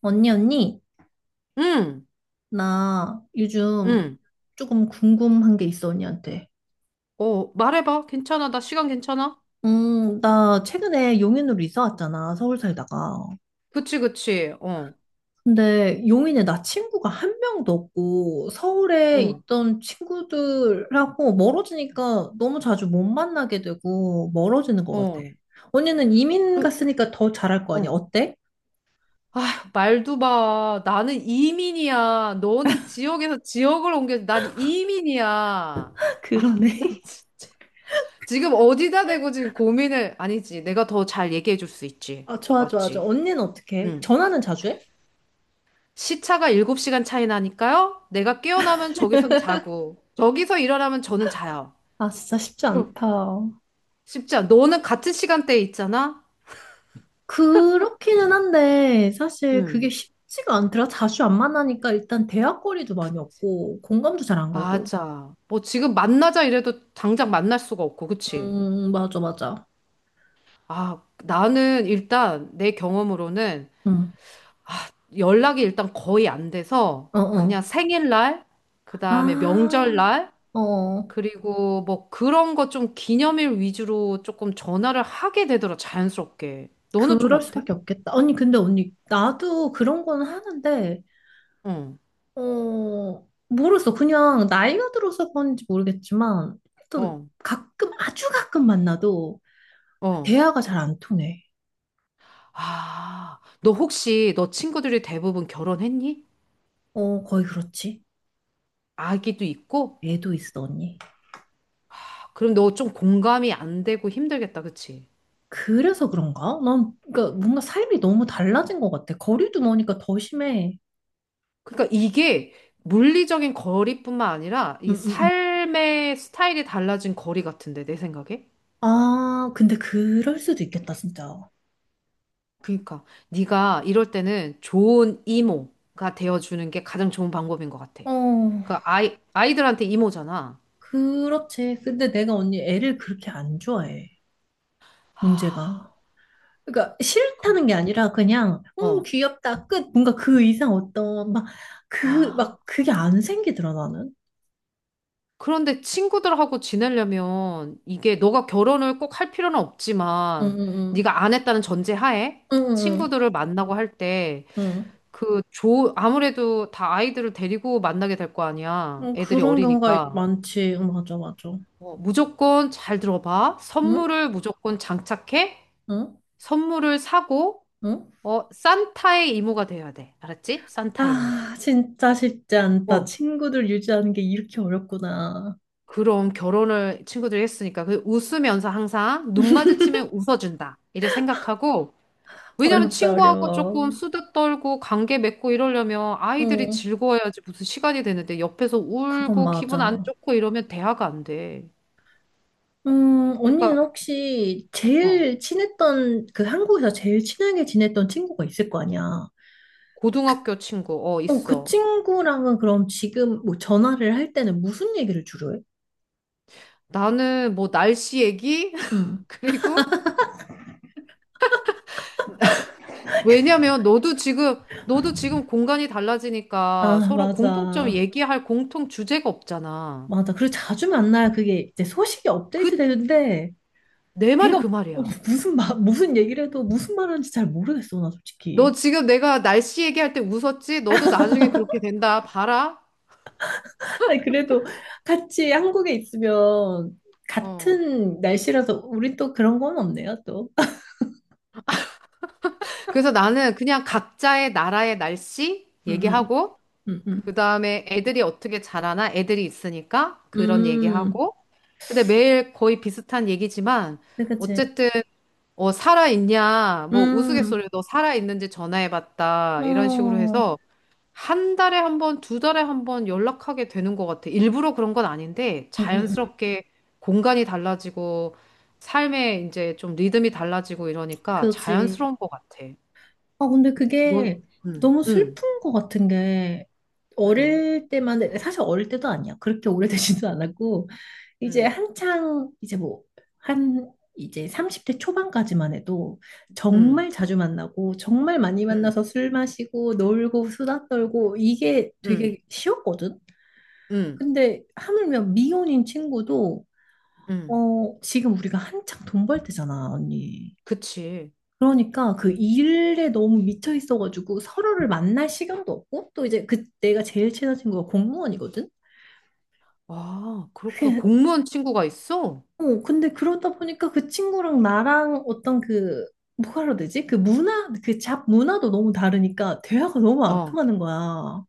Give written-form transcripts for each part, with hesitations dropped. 언니, 언니, 응, 나 요즘 응. 조금 궁금한 게 있어, 언니한테. 어, 말해봐. 괜찮아. 나 시간 괜찮아? 나 최근에 용인으로 이사 왔잖아, 서울 살다가. 그치, 그치. 근데 용인에 나 친구가 한 명도 없고, 서울에 어, 있던 친구들하고 멀어지니까 너무 자주 못 만나게 되고, 멀어지는 것 같아. 어. 언니는 이민 그, 갔으니까 더 잘할 거 아니야? 어. 어때? 말도 봐. 나는 이민이야. 너는 지역에서 지역을 옮겨. 난 이민이야. 그러네. 지금 어디다 대고 지금 고민을, 아니지. 내가 더 잘 얘기해 줄 수 있지. 아, 좋아, 좋아, 좋아. 맞지? 언니는 어떻게 해? 응. 전화는 자주 해? 시차가 7시간 차이 나니까요. 내가 깨어나면 저기선 자고, 저기서 일어나면 저는 자요. 아, 진짜 쉽지 어, 않다. 쉽지 않아. 너는 같은 시간대에 있잖아? 그렇기는 한데 사실 응. 그게 쉽지가 않더라. 자주 안 만나니까 일단 대화거리도 많이 없고 공감도 잘 안 가고. 맞아. 뭐 지금 만나자 이래도 당장 만날 수가 없고, 그치? 맞아, 맞아. 아, 나는 일단 내 경험으로는 응, 연락이 일단 거의 안 돼서 어, 어. 그냥 생일날, 그다음에 아, 명절날, 어. 그리고 뭐 그런 거 좀 기념일 위주로 조금 전화를 하게 되더라, 자연스럽게. 너는 좀 그럴 어때? 수밖에 없겠다. 언니, 근데 언니, 나도 그런 건 하는데, 응, 어, 모르겠어. 그냥 나이가 들어서 그런지 모르겠지만, 일단 어, 가끔, 아주 가끔 만나도 어. 대화가 잘 안 통해. 아, 너 혹시 너 친구들이 대부분 결혼했니? 어, 거의 그렇지. 아기도 있고? 애도 있어, 언니. 그럼 너 좀 공감이 안 되고 힘들겠다, 그치? 그래서 그런가? 난 그러니까 뭔가 삶이 너무 달라진 것 같아. 거리도 머니까 더 심해. 그러니까 이게 물리적인 거리뿐만 아니라 응, 이 응, 응. 삶의 스타일이 달라진 거리 같은데 내 생각에. 아, 근데 그럴 수도 있겠다, 진짜. 그러니까 네가 이럴 때는 좋은 이모가 되어주는 게 가장 좋은 방법인 것 같아. 어, 그러니까 아이들한테 이모잖아. 그렇지. 근데 내가 언니 애를 그렇게 안 좋아해. 아, 문제가. 그러니까 싫다는 게 아니라 그냥 어, 귀엽다 끝. 뭔가 그 이상 어떤 막 그 아. 막 그게 안 생기더라 나는. 그런데 친구들하고 지내려면 이게 너가 결혼을 꼭 할 필요는 없지만 응응응. 네가 안 했다는 전제 하에 응응응. 친구들을 만나고 할 때. 응. 그 조, 아무래도 다 아이들을 데리고 만나게 될 거 아니야. 응, 애들이 그런 경우가 어리니까. 많지. 응, 맞아 맞아. 어, 무조건 잘 들어봐. 응? 선물을 무조건 장착해. 응? 선물을 사고, 응? 어, 산타의 이모가 돼야 돼. 알았지? 산타 이모. 아, 진짜 쉽지 않다. 어, 친구들 유지하는 게 이렇게 어렵구나. 그럼 결혼을 친구들이 했으니까. 그 웃으면서 항상 눈 마주치면 웃어준다. 이제 생각하고, 왜냐면 어렵다, 친구하고 조금 어려워. 수다 떨고 관계 맺고 이러려면 아이들이 어, 즐거워야지 무슨 시간이 되는데 옆에서 그건 울고 기분 안 맞아. 좋고 이러면 대화가 안 돼. 언니는 그러니까 혹시 제일 친했던, 그 한국에서 제일 친하게 지냈던 친구가 있을 거 아니야. 고등학교 친구 어 어, 그 있어. 친구랑은 그럼 지금 뭐 전화를 할 때는 무슨 얘기를 주로 해? 나는 뭐 날씨 얘기? 응. 그리고 왜냐면 너도 지금 공간이 달라지니까 아, 서로 공통점 맞아. 얘기할 공통 주제가 없잖아. 맞아. 그리고 자주 만나야 그게 이제 소식이 업데이트 그 되는데, 내 말이 걔가 그 어, 말이야. 무슨 말, 무슨 얘기를 해도 무슨 말하는지 잘 모르겠어, 나 너 솔직히. 지금 내가 날씨 얘기할 때 웃었지? 너도 나중에 그렇게 된다. 봐라. 아니, 그래도 같이 한국에 있으면 어. 같은 날씨라서 우리 또 그런 건 없네요, 또. 그래서 나는 그냥 각자의 나라의 날씨 음, 얘기하고, 음, 음, 그 다음에 애들이 어떻게 자라나 애들이 있으니까 음. 그런 음, 얘기하고, 근데 매일 거의 비슷한 얘기지만, 그치. 그치. 어쨌든, 어, 살아있냐, 뭐 음, 우스갯소리로 살아있는지 전화해봤다, 이런 식으로 어, 해서, 한 달에 한 번, 두 달에 한 번 연락하게 되는 것 같아. 일부러 그런 건 아닌데, 음, 음, 음. 자연스럽게 공간이 달라지고, 삶의 이제 좀 리듬이 달라지고 이러니까 그지. 자연스러운 것 같아. 아, 근데 넌, 그게 응, 너무 응, 슬픈 것 같은 게, 응, 어릴 때만, 사실 어릴 때도 아니야. 그렇게 오래되지도 않았고, 이제 응, 한창, 이제 뭐, 한, 이제 30대 초반까지만 해도 응, 정말 자주 만나고, 정말 많이 응, 만나서 술 마시고, 놀고, 수다 떨고, 이게 응, 되게 쉬웠거든? 응, 근데 하물며 미혼인 친구도, 응. 어, 지금 우리가 한창 돈 벌 때잖아, 언니. 그치. 그러니까 그 일에 너무 미쳐 있어가지고 서로를 만날 시간도 없고 또 이제 그 내가 제일 친한 친구가 공무원이거든. 아, 그렇구나. 그게 공무원 친구가 있어? 어 근데 그러다 보니까 그 친구랑 나랑 어떤 그 뭐라 해야 되지? 그 문화 그 잡 문화도 너무 다르니까 대화가 너무 안 어, 통하는 거야.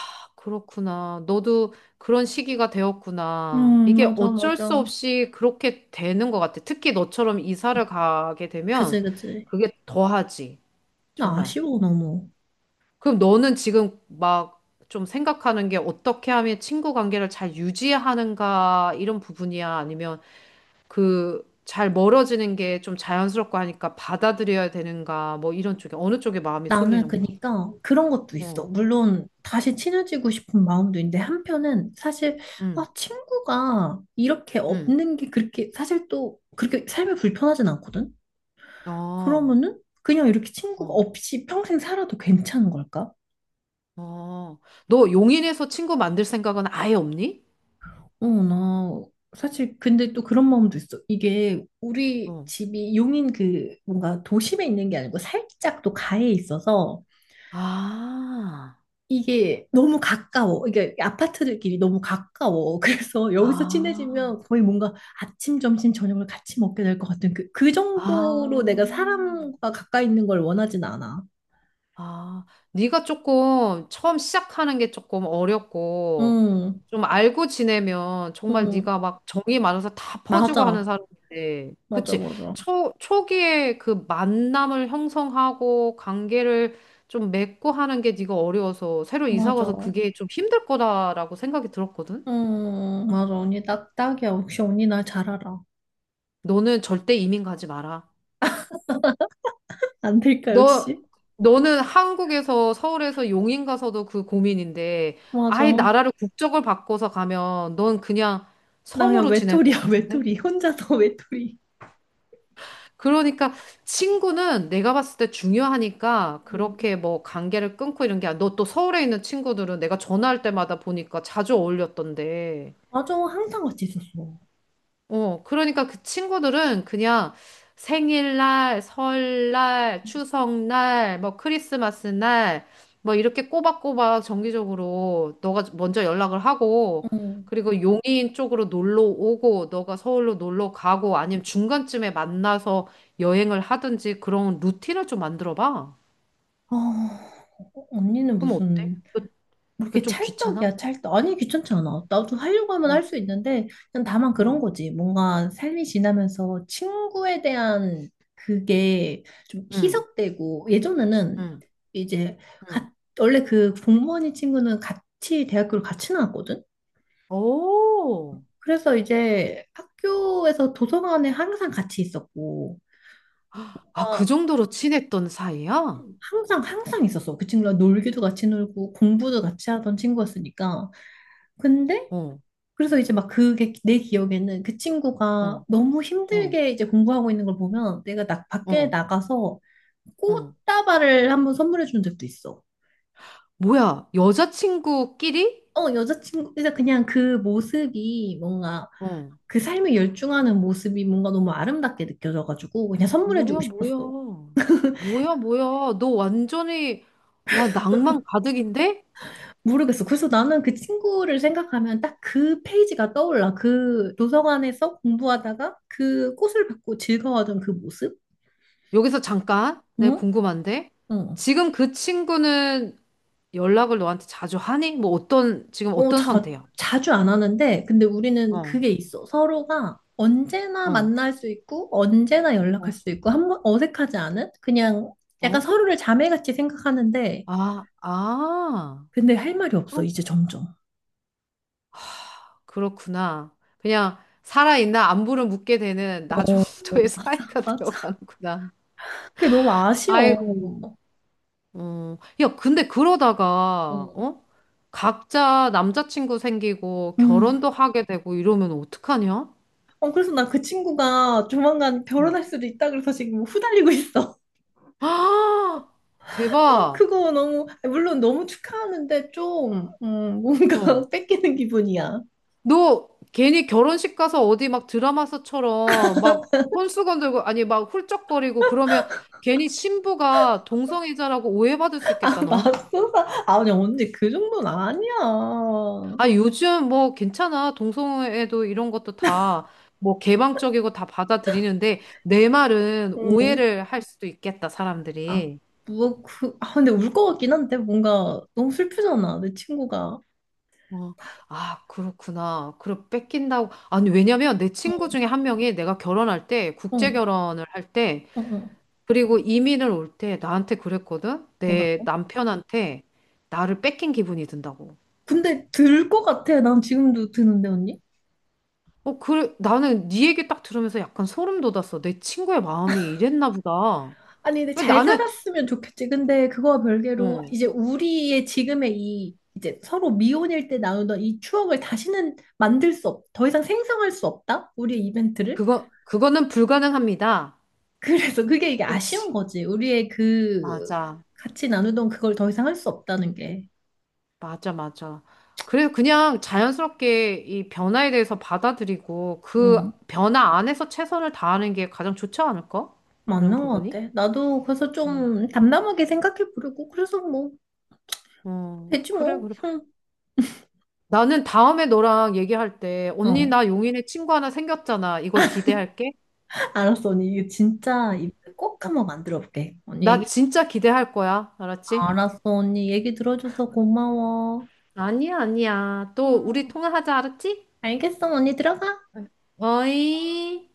아, 그렇구나. 너도 그런 시기가 되었구나. 이게 맞아 어쩔 수 맞아. 없이 그렇게 되는 것 같아. 특히 너처럼 이사를 가게 되면 그지 그지. 그게 더하지. 나 정말. 아쉬워 너무. 그럼 너는 지금 막 좀 생각하는 게 어떻게 하면 친구 관계를 잘 유지하는가 이런 부분이야? 아니면 그 잘 멀어지는 게 좀 자연스럽고 하니까 받아들여야 되는가 뭐 이런 쪽에 어느 쪽에 마음이 나는 쏠리는 거야. 그니까 그런 것도 있어. 어, 물론 다시 친해지고 싶은 마음도 있는데 한편은 사실 아, 응, 친구가 이렇게 응, 없는 게 그렇게 사실 또 그렇게 삶이 불편하진 않거든. 어, 그러면은 그냥 이렇게 친구가 어, 없이 평생 살아도 괜찮은 걸까? 어. 너 용인에서 친구 만들 생각은 아예 없니? 어, 나 사실 근데 또 그런 마음도 있어. 이게 우리 어. 집이 용인 그 뭔가 도심에 있는 게 아니고 살짝 또 가에 있어서 아, 이게 너무 가까워. 이게 아파트들끼리 너무 가까워. 그래서 여기서 아, 친해지면 거의 뭔가 아침, 점심, 저녁을 같이 먹게 될 것 같은 그, 그 아. 정도로 내가 사람과 가까이 있는 걸 원하진 않아. 아, 네가 조금 처음 시작하는 게 조금 어렵고 응, 좀 알고 지내면 정말 응, 네가 막 정이 많아서 다 퍼주고 하는 맞아. 사람인데, 맞아, 그치? 맞아. 초 초기에 그 만남을 형성하고 관계를 좀 맺고 하는 게 네가 어려워서 새로 이사 맞아. 가서 그게 좀 힘들 거다라고 생각이 들었거든. 응, 맞아. 언니 딱, 딱이야. 역시 언니 나 잘 알아. 너는 절대 이민 가지 마라. 안 될까, 너, 역시? 너는 한국에서, 서울에서 용인 가서도 그 고민인데, 아예 맞아. 나라를 국적을 바꿔서 가면 넌 그냥 나야 섬으로 지낼 것 외톨이야, 같은데? 외톨이. 혼자서 외톨이. 그러니까 친구는 내가 봤을 때 중요하니까 응. 그렇게 뭐 관계를 끊고 이런 게, 너 또 서울에 있는 친구들은 내가 전화할 때마다 보니까 자주 어울렸던데. 맞아. 항상 같이 있었어. 어, 그러니까 그 친구들은 그냥 생일날, 설날, 추석날, 뭐 크리스마스 날, 뭐 이렇게 꼬박꼬박 정기적으로 너가 먼저 연락을 하고, 응. 그리고 용인 쪽으로 놀러 오고, 너가 서울로 놀러 가고, 아니면 중간쯤에 만나서 여행을 하든지 그런 루틴을 좀 만들어 봐. 어, 언니는 그럼 어때? 무슨 그, 뭐 그 이렇게 좀 귀찮아? 찰떡이야 찰떡. 아니 귀찮지 않아. 나도 하려고 하면 어, 할 수 있는데 그냥 다만 그런 어, 거지. 뭔가 삶이 지나면서 친구에 대한 그게 좀 응, 희석되고. 예전에는 응, 이제 응. 가, 원래 그 공무원이 친구는 같이 대학교를 같이 나왔거든. 오, 그래서 이제 학교에서 도서관에 항상 같이 있었고 아, 어, 그 정도로 친했던 사이야? 항상 항상 있었어. 그 친구랑 놀기도 같이 놀고 공부도 같이 하던 친구였으니까. 근데 어. 그래서 이제 막 그게 내 기억에는 그 친구가 응, 너무 응, 힘들게 이제 공부하고 있는 걸 보면 내가 나, 밖에 응, 나가서 응, 꽃다발을 한번 선물해 준 적도 있어. 뭐야, 여자친구끼리? 어, 여자친구, 그래서 그냥 그 모습이 뭔가 응. 그 삶에 열중하는 모습이 뭔가 너무 아름답게 느껴져가지고 그냥 선물해 주고 뭐야, 뭐야. 싶었어. 뭐야, 뭐야. 너 완전히, 와, 낭만 가득인데? 모르겠어. 그래서 나는 그 친구를 생각하면 딱 그 페이지가 떠올라. 그 도서관에서 공부하다가 그 꽃을 받고 즐거워하던 그 모습? 여기서 잠깐, 내가 응? 궁금한데? 응. 지금 그 친구는 연락을 너한테 자주 하니? 뭐 어떤, 지금 어, 어떤 자, 상태야? 자주 안 하는데, 근데 우리는 어, 그게 있어. 서로가 언제나 어, 만날 수 있고, 언제나 연락할 어, 수 있고, 한 번 어색하지 않은? 그냥 약간 어. 서로를 자매같이 생각하는데, 아, 아, 근데 할 말이 없어, 그럼, 이제 점점. 그렇구나. 그냥 살아있나 안부를 묻게 되는 나 어, 정도의 맞아, 사이가 맞아. 되어가는구나. 그게 너무 아쉬워. 아이고, 어, 야, 근데 그러다가, 어. 어? 각자 남자친구 생기고 음. 결혼도 하게 되고 이러면 어떡하냐? 어, 그래서 나 그 친구가 조만간 응. 결혼할 수도 있다 그래서 지금 뭐 후달리고 있어. 아, 대박. 그거 너무, 물론 너무 축하하는데 좀, 뭔가 어. 뺏기는 기분이야. 너 괜히 결혼식 가서 어디 막 드라마서처럼 막 혼수건 들고, 아니, 막 훌쩍거리고 그러면 괜히 신부가 동성애자라고 오해받을 수 아, 있겠다, 너. 맙소사. 아, 아니, 언니, 그 정도는 아니야. 아, 요즘 뭐 괜찮아. 동성애도 이런 것도 다 뭐 개방적이고 다 받아들이는데 내 말은 응. 오해를 할 수도 있겠다, 아, 사람들이. 뭐, 그, 아, 근데 울 것 같긴 한데, 뭔가 너무 슬프잖아, 내 친구가. 어, 아, 그렇구나. 그럼 뺏긴다고. 아니, 왜냐면 내 친구 응. 중에 한 명이 내가 결혼할 때, 국제 어, 결혼을 할 때, 어, 어. 그리고 이민을 올 때 나한테 그랬거든? 내 뭐라고? 남편한테 나를 뺏긴 기분이 든다고. 근데 들 것 같아. 난 지금도 드는데, 언니? 어, 그래. 나는 네 얘기 딱 들으면서 약간 소름 돋았어. 내 친구의 마음이 이랬나 보다. 아니, 근데 근데 잘 나는 살았으면 좋겠지. 근데 그거와 별개로, 어. 이제 우리의 지금의 이, 이제 서로 미혼일 때 나누던 이 추억을 다시는 만들 수 없, 더 이상 생성할 수 없다? 우리의 이벤트를? 그거는 불가능합니다. 그래서 그게 이게 아쉬운 그렇지. 거지. 우리의 그 맞아. 같이 나누던 그걸 더 이상 할 수 없다는 게. 맞아, 맞아. 그래서 그냥 자연스럽게 이 변화에 대해서 받아들이고 그 응. 변화 안에서 최선을 다하는 게 가장 좋지 않을까? 그런 맞는 것 부분이? 같아. 나도 그래서 좀 담담하게 생각해 보려고. 그래서 뭐, 어, 되지 그래, 뭐. 그래. 응. 나는 다음에 너랑 얘기할 때, 언니, 어. 나 용인에 친구 하나 생겼잖아. 이걸 기대할게. 알았어, 언니. 이거 진짜 어, 이꼭 어, 한번 만들어 볼게. 언니 나 얘기, 진짜 기대할 거야. 알았지? 알았어, 언니. 얘기 들어줘서 고마워. 아니야, 아니야. 또 우리 응. 통화하자. 알았지? 알겠어, 언니. 들어가. 어이. 응.